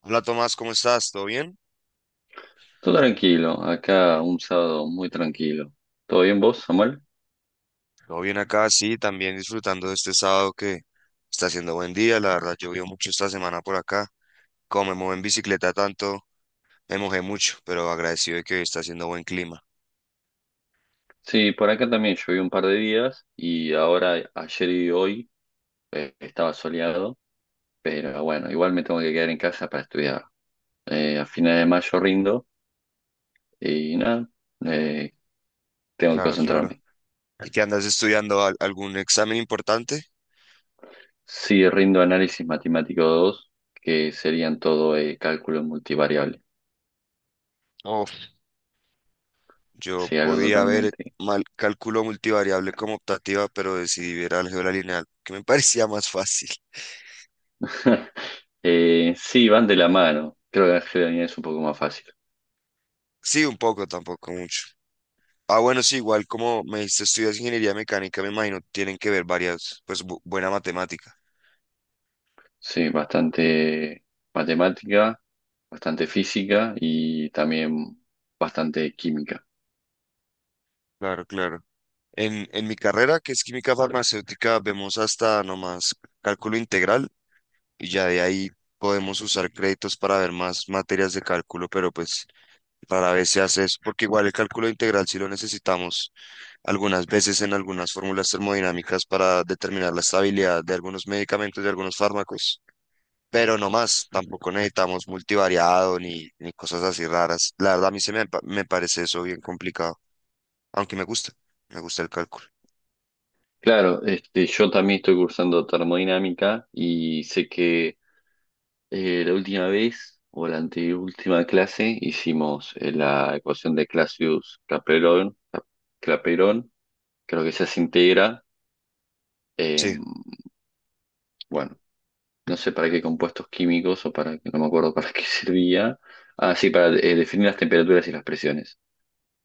Hola Tomás, ¿cómo estás? ¿Todo bien? Todo tranquilo, acá un sábado muy tranquilo. ¿Todo bien vos, Samuel? Todo bien acá, sí, también disfrutando de este sábado que está haciendo buen día. La verdad, llovió mucho esta semana por acá. Como me mojé en bicicleta tanto, me mojé mucho, pero agradecido de que hoy está haciendo buen clima. Sí, por acá también llovió un par de días y ahora ayer y hoy estaba soleado, pero bueno, igual me tengo que quedar en casa para estudiar. A finales de mayo rindo y nada, eh, tengo que Claro, claro. concentrarme. ¿Y qué andas estudiando? ¿Algún examen importante? Sí, rindo análisis matemático 2, que serían todo cálculo multivariable. Uf, yo Sí, algo podía ver totalmente. mal cálculo multivariable como optativa, pero decidí ver álgebra lineal, que me parecía más fácil. Sí, van de la mano. Creo que la es un poco más fácil. Sí, un poco, tampoco mucho. Ah, bueno, sí, igual como me dijiste, estudias ingeniería mecánica, me imagino, tienen que ver varias, pues buena matemática. Sí, bastante matemática, bastante física y también bastante química. Claro, claro. En mi carrera, que es química farmacéutica, vemos hasta nomás cálculo integral y ya de ahí podemos usar créditos para ver más materias de cálculo, pero pues rara vez se hace eso, porque igual el cálculo integral sí lo necesitamos algunas veces en algunas fórmulas termodinámicas para determinar la estabilidad de algunos medicamentos, de algunos fármacos. Pero no más, tampoco necesitamos multivariado ni cosas así raras. La verdad, a mí se me, me parece eso bien complicado, aunque me gusta el cálculo. Claro, este, yo también estoy cursando termodinámica y sé que la última vez o la anteúltima clase hicimos la ecuación de Clausius-Clapeyron, Clapeyron, creo que esa se integra. eh, Sí, bueno, no sé para qué compuestos químicos o para, no me acuerdo para qué servía. Ah, sí, para definir las temperaturas y las presiones.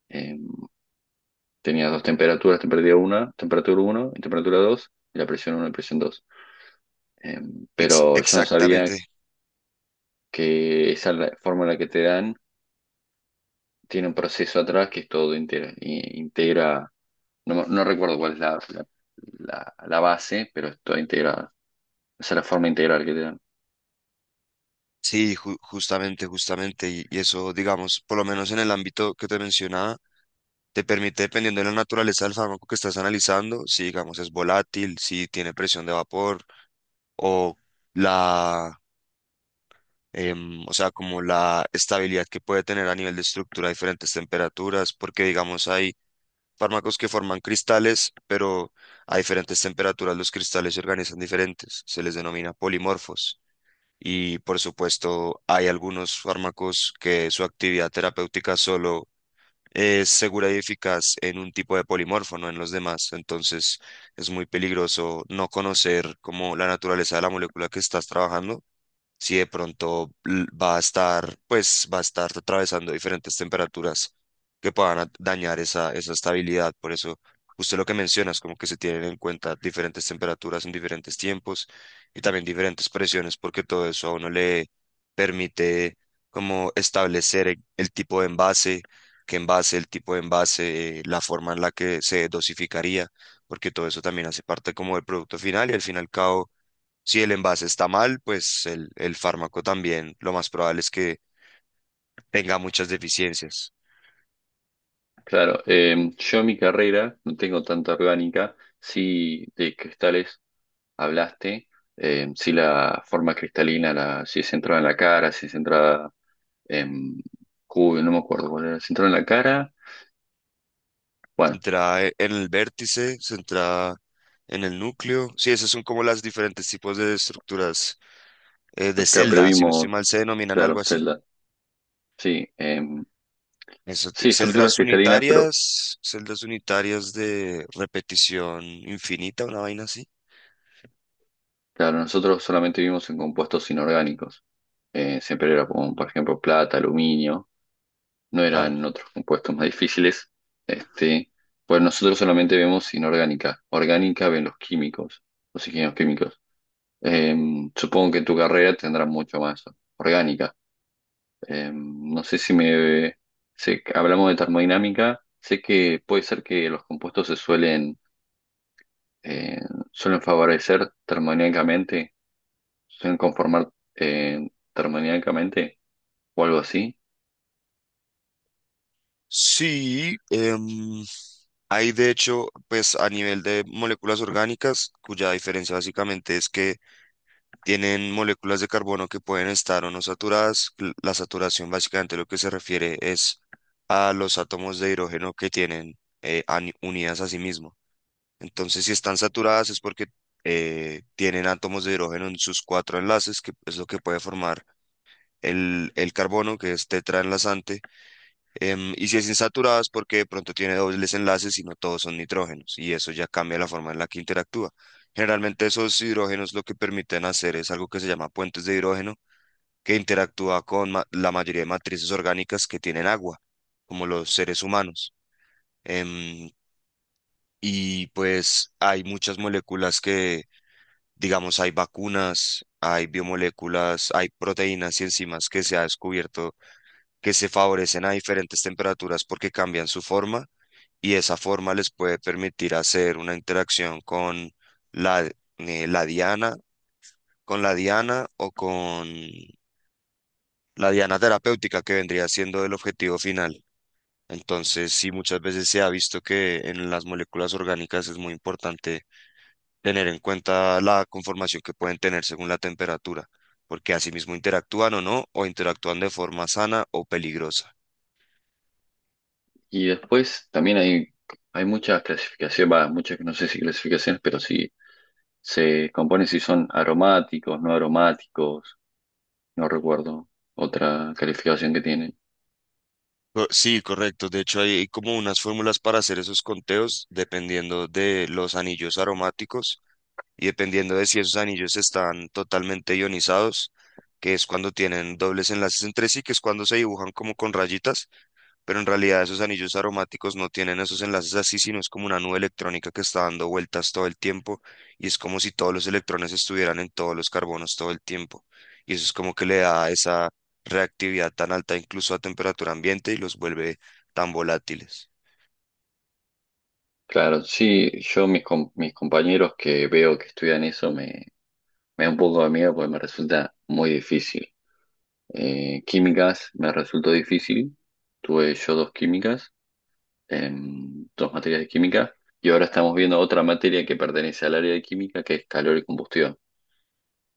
eh, Tenías dos temperaturas, temperatura uno y temperatura 2 y la presión uno y presión dos. Eh, pero yo no sabía exactamente, que esa fórmula que te dan tiene un proceso atrás que es todo integra no, no recuerdo cuál es la base, pero es toda integrada. Esa es la forma integral que te dan. sí, justamente, justamente, y eso, digamos, por lo menos en el ámbito que te mencionaba, te permite, dependiendo de la naturaleza del fármaco que estás analizando, si, digamos, es volátil, si tiene presión de vapor o la... o sea, como la estabilidad que puede tener a nivel de estructura a diferentes temperaturas, porque digamos hay fármacos que forman cristales, pero a diferentes temperaturas los cristales se organizan diferentes. Se les denomina polimorfos. Y por supuesto, hay algunos fármacos que su actividad terapéutica solo es segura y eficaz en un tipo de polimorfo, no en los demás. Entonces, es muy peligroso no conocer como la naturaleza de la molécula que estás trabajando si de pronto va a estar, pues va a estar atravesando diferentes temperaturas que puedan dañar esa, esa estabilidad. Por eso, usted lo que mencionas, como que se tienen en cuenta diferentes temperaturas en diferentes tiempos y también diferentes presiones, porque todo eso a uno le permite como establecer el tipo de envase, qué envase, el tipo de envase, la forma en la que se dosificaría, porque todo eso también hace parte como del producto final y al fin y al cabo si el envase está mal, pues el fármaco también lo más probable es que tenga muchas deficiencias. Claro, yo en mi carrera no tengo tanta orgánica, sí de cristales hablaste, si la forma cristalina, la, si es centrada en la cara, si es centrada em, Cubo, no me acuerdo cuál era, central en la cara. Bueno, Entra e, en el vértice, se entra en el núcleo. Sí, esos son como las diferentes tipos de estructuras de acá, pero celda, si no estoy vimos, mal, se denominan claro, algo así. Zelda. Sí, Eso sí, estructuras cristalinas, pero celdas unitarias de repetición infinita, una vaina así. claro, nosotros solamente vimos en compuestos inorgánicos. Siempre era como, por ejemplo, plata, aluminio, no Claro. eran otros compuestos más difíciles. Este, pues nosotros solamente vemos inorgánica. Orgánica ven los químicos, los ingenieros químicos. Em, supongo que en tu carrera tendrás mucho más orgánica. No sé si me... sé que hablamos de termodinámica, sé que puede ser que los compuestos eh, suelen favorecer termodinámicamente, suelen conformar termodinámicamente o algo así. Sí, hay de hecho, pues a nivel de moléculas orgánicas, cuya diferencia básicamente es que tienen moléculas de carbono que pueden estar o no saturadas. La saturación básicamente lo que se refiere es a los átomos de hidrógeno que tienen unidas a sí mismos. Entonces, si están saturadas es porque tienen átomos de hidrógeno en sus cuatro enlaces, que es lo que puede formar el carbono, que es tetraenlazante. Y si es insaturada es porque de pronto tiene dobles enlaces y no todos son nitrógenos. Y eso ya cambia la forma en la que interactúa. Generalmente esos hidrógenos lo que permiten hacer es algo que se llama puentes de hidrógeno, que interactúa con la mayoría de matrices orgánicas que tienen agua, como los seres humanos. Em, y pues hay muchas moléculas que digamos, hay vacunas, hay biomoléculas, hay proteínas y enzimas que se ha descubierto que se favorecen a diferentes temperaturas porque cambian su forma y esa forma les puede permitir hacer una interacción con la, la diana, con la diana o con la diana terapéutica que vendría siendo el objetivo final. Entonces, sí, muchas veces se ha visto que en las moléculas orgánicas es muy importante tener en cuenta la conformación que pueden tener según la temperatura, porque asimismo interactúan o no, o interactúan de forma sana o peligrosa. Y después también hay muchas clasificaciones, va, muchas, no sé si clasificaciones, pero sí se componen si son aromáticos, no recuerdo otra calificación que tiene. Sí, correcto. De hecho, hay como unas fórmulas para hacer esos conteos dependiendo de los anillos aromáticos y dependiendo de si esos anillos están totalmente ionizados, que es cuando tienen dobles enlaces entre sí, que es cuando se dibujan como con rayitas pero en realidad esos anillos aromáticos no tienen esos enlaces así, sino es como una nube electrónica que está dando vueltas todo el tiempo y es como si todos los electrones estuvieran en todos los carbonos todo el tiempo. Y eso es como que le da esa reactividad tan alta incluso a temperatura ambiente y los vuelve tan volátiles. Claro, sí, mis compañeros que veo que estudian me da un poco de miedo porque me resulta muy difícil. Químicas me resultó difícil, tuve yo dos químicas, em, dos materias de química, y ahora estamos viendo otra materia que pertenece al área de química que es calor y combustión,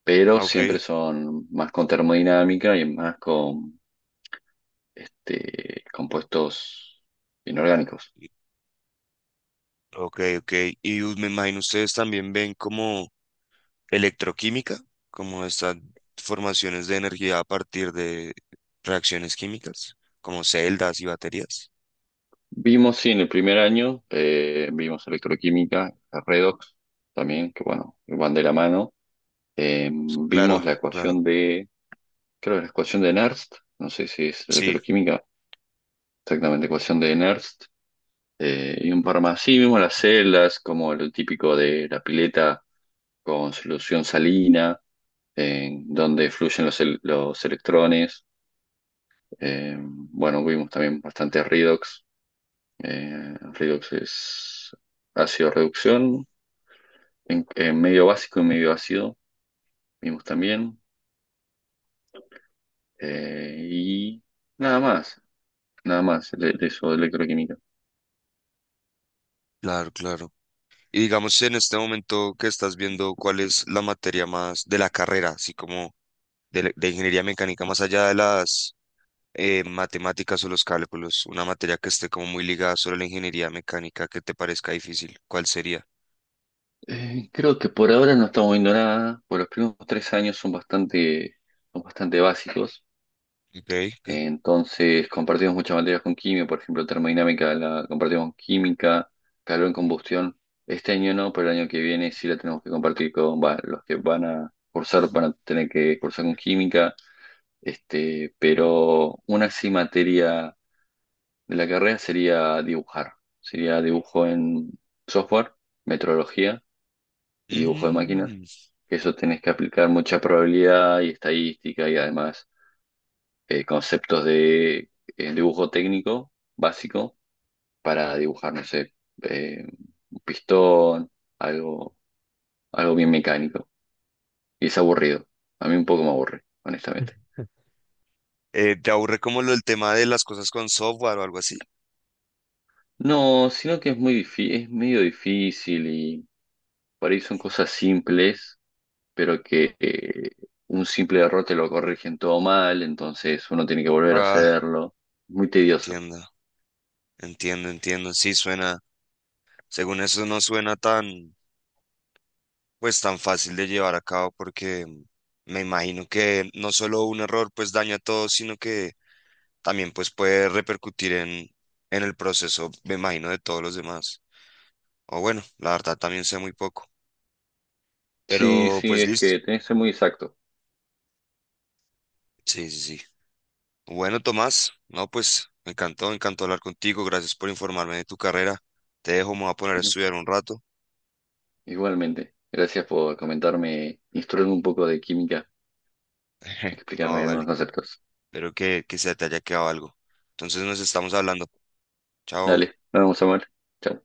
pero Ok, siempre son más con termodinámica y más con este, compuestos inorgánicos. y- ok, ok. Y me imagino ustedes también ven como electroquímica, como estas formaciones de energía a partir de reacciones químicas, como celdas y baterías. Vimos, sí, en el primer año, vimos electroquímica, redox también, que bueno, van de la mano. Claro, Vimos la claro, ecuación de, creo que la ecuación de Nernst, no sé si es sí, electroquímica, exactamente, ecuación de Nernst, y un par más. Sí, vimos las celdas, como el típico de la pileta con solución salina, en donde fluyen los electrones. Bueno, vimos también bastante redox. Redox es ácido reducción, en medio básico y medio ácido vimos también. Y nada más, de eso, de electroquímica. claro, claro. Y digamos, en este momento que estás viendo, ¿cuál es la materia más de la carrera, así como de, de ingeniería mecánica, más allá de las matemáticas o los cálculos, una materia que esté como muy ligada solo a la ingeniería mecánica que te parezca difícil, ¿cuál sería? Creo que por ahora no estamos viendo nada, por los primeros tres años son bastante básicos. Ok, ok. Entonces compartimos muchas materias con química, por ejemplo, termodinámica la compartimos con química, calor en combustión. Este año no, pero el año que viene sí la tenemos que compartir con, va, los que van a cursar, van a tener que cursar con química. Este, pero una sí materia de la carrera sería dibujar. Sería dibujo en software, metrología y dibujo de máquinas. Mm. Que eso tenés que aplicar mucha probabilidad y estadística y además conceptos de dibujo técnico básico para dibujar, no sé, eh, un pistón, algo, algo bien mecánico. Y es aburrido. A mí un poco me aburre, honestamente. ¿Te aburre como lo del tema de las cosas con software o algo así? No, sino que es muy difícil, es medio difícil. Por ahí son cosas simples, pero que un simple error te lo corrigen todo mal, entonces uno tiene que volver a Ah, hacerlo. Muy tedioso. entiendo, entiendo, entiendo. Sí, suena, según eso no suena tan... pues tan fácil de llevar a cabo porque mm, me imagino que no solo un error pues daña a todos, sino que también pues puede repercutir en el proceso, me imagino, de todos los demás. O bueno, la verdad también sé muy poco, Sí, pero sí, pues es listo. que tenés que ser muy exacto. Sí, sí, sí. Bueno, Tomás, no, pues me encantó hablar contigo, gracias por informarme de tu carrera. Te dejo, me voy a poner a Ujú. estudiar un rato. Igualmente, gracias por comentarme, instruirme un poco de química, explicarme No, algunos vale, conceptos. espero que se te haya quedado algo. Entonces nos estamos hablando. Chao. Dale, nos vemos, Samuel. Chao.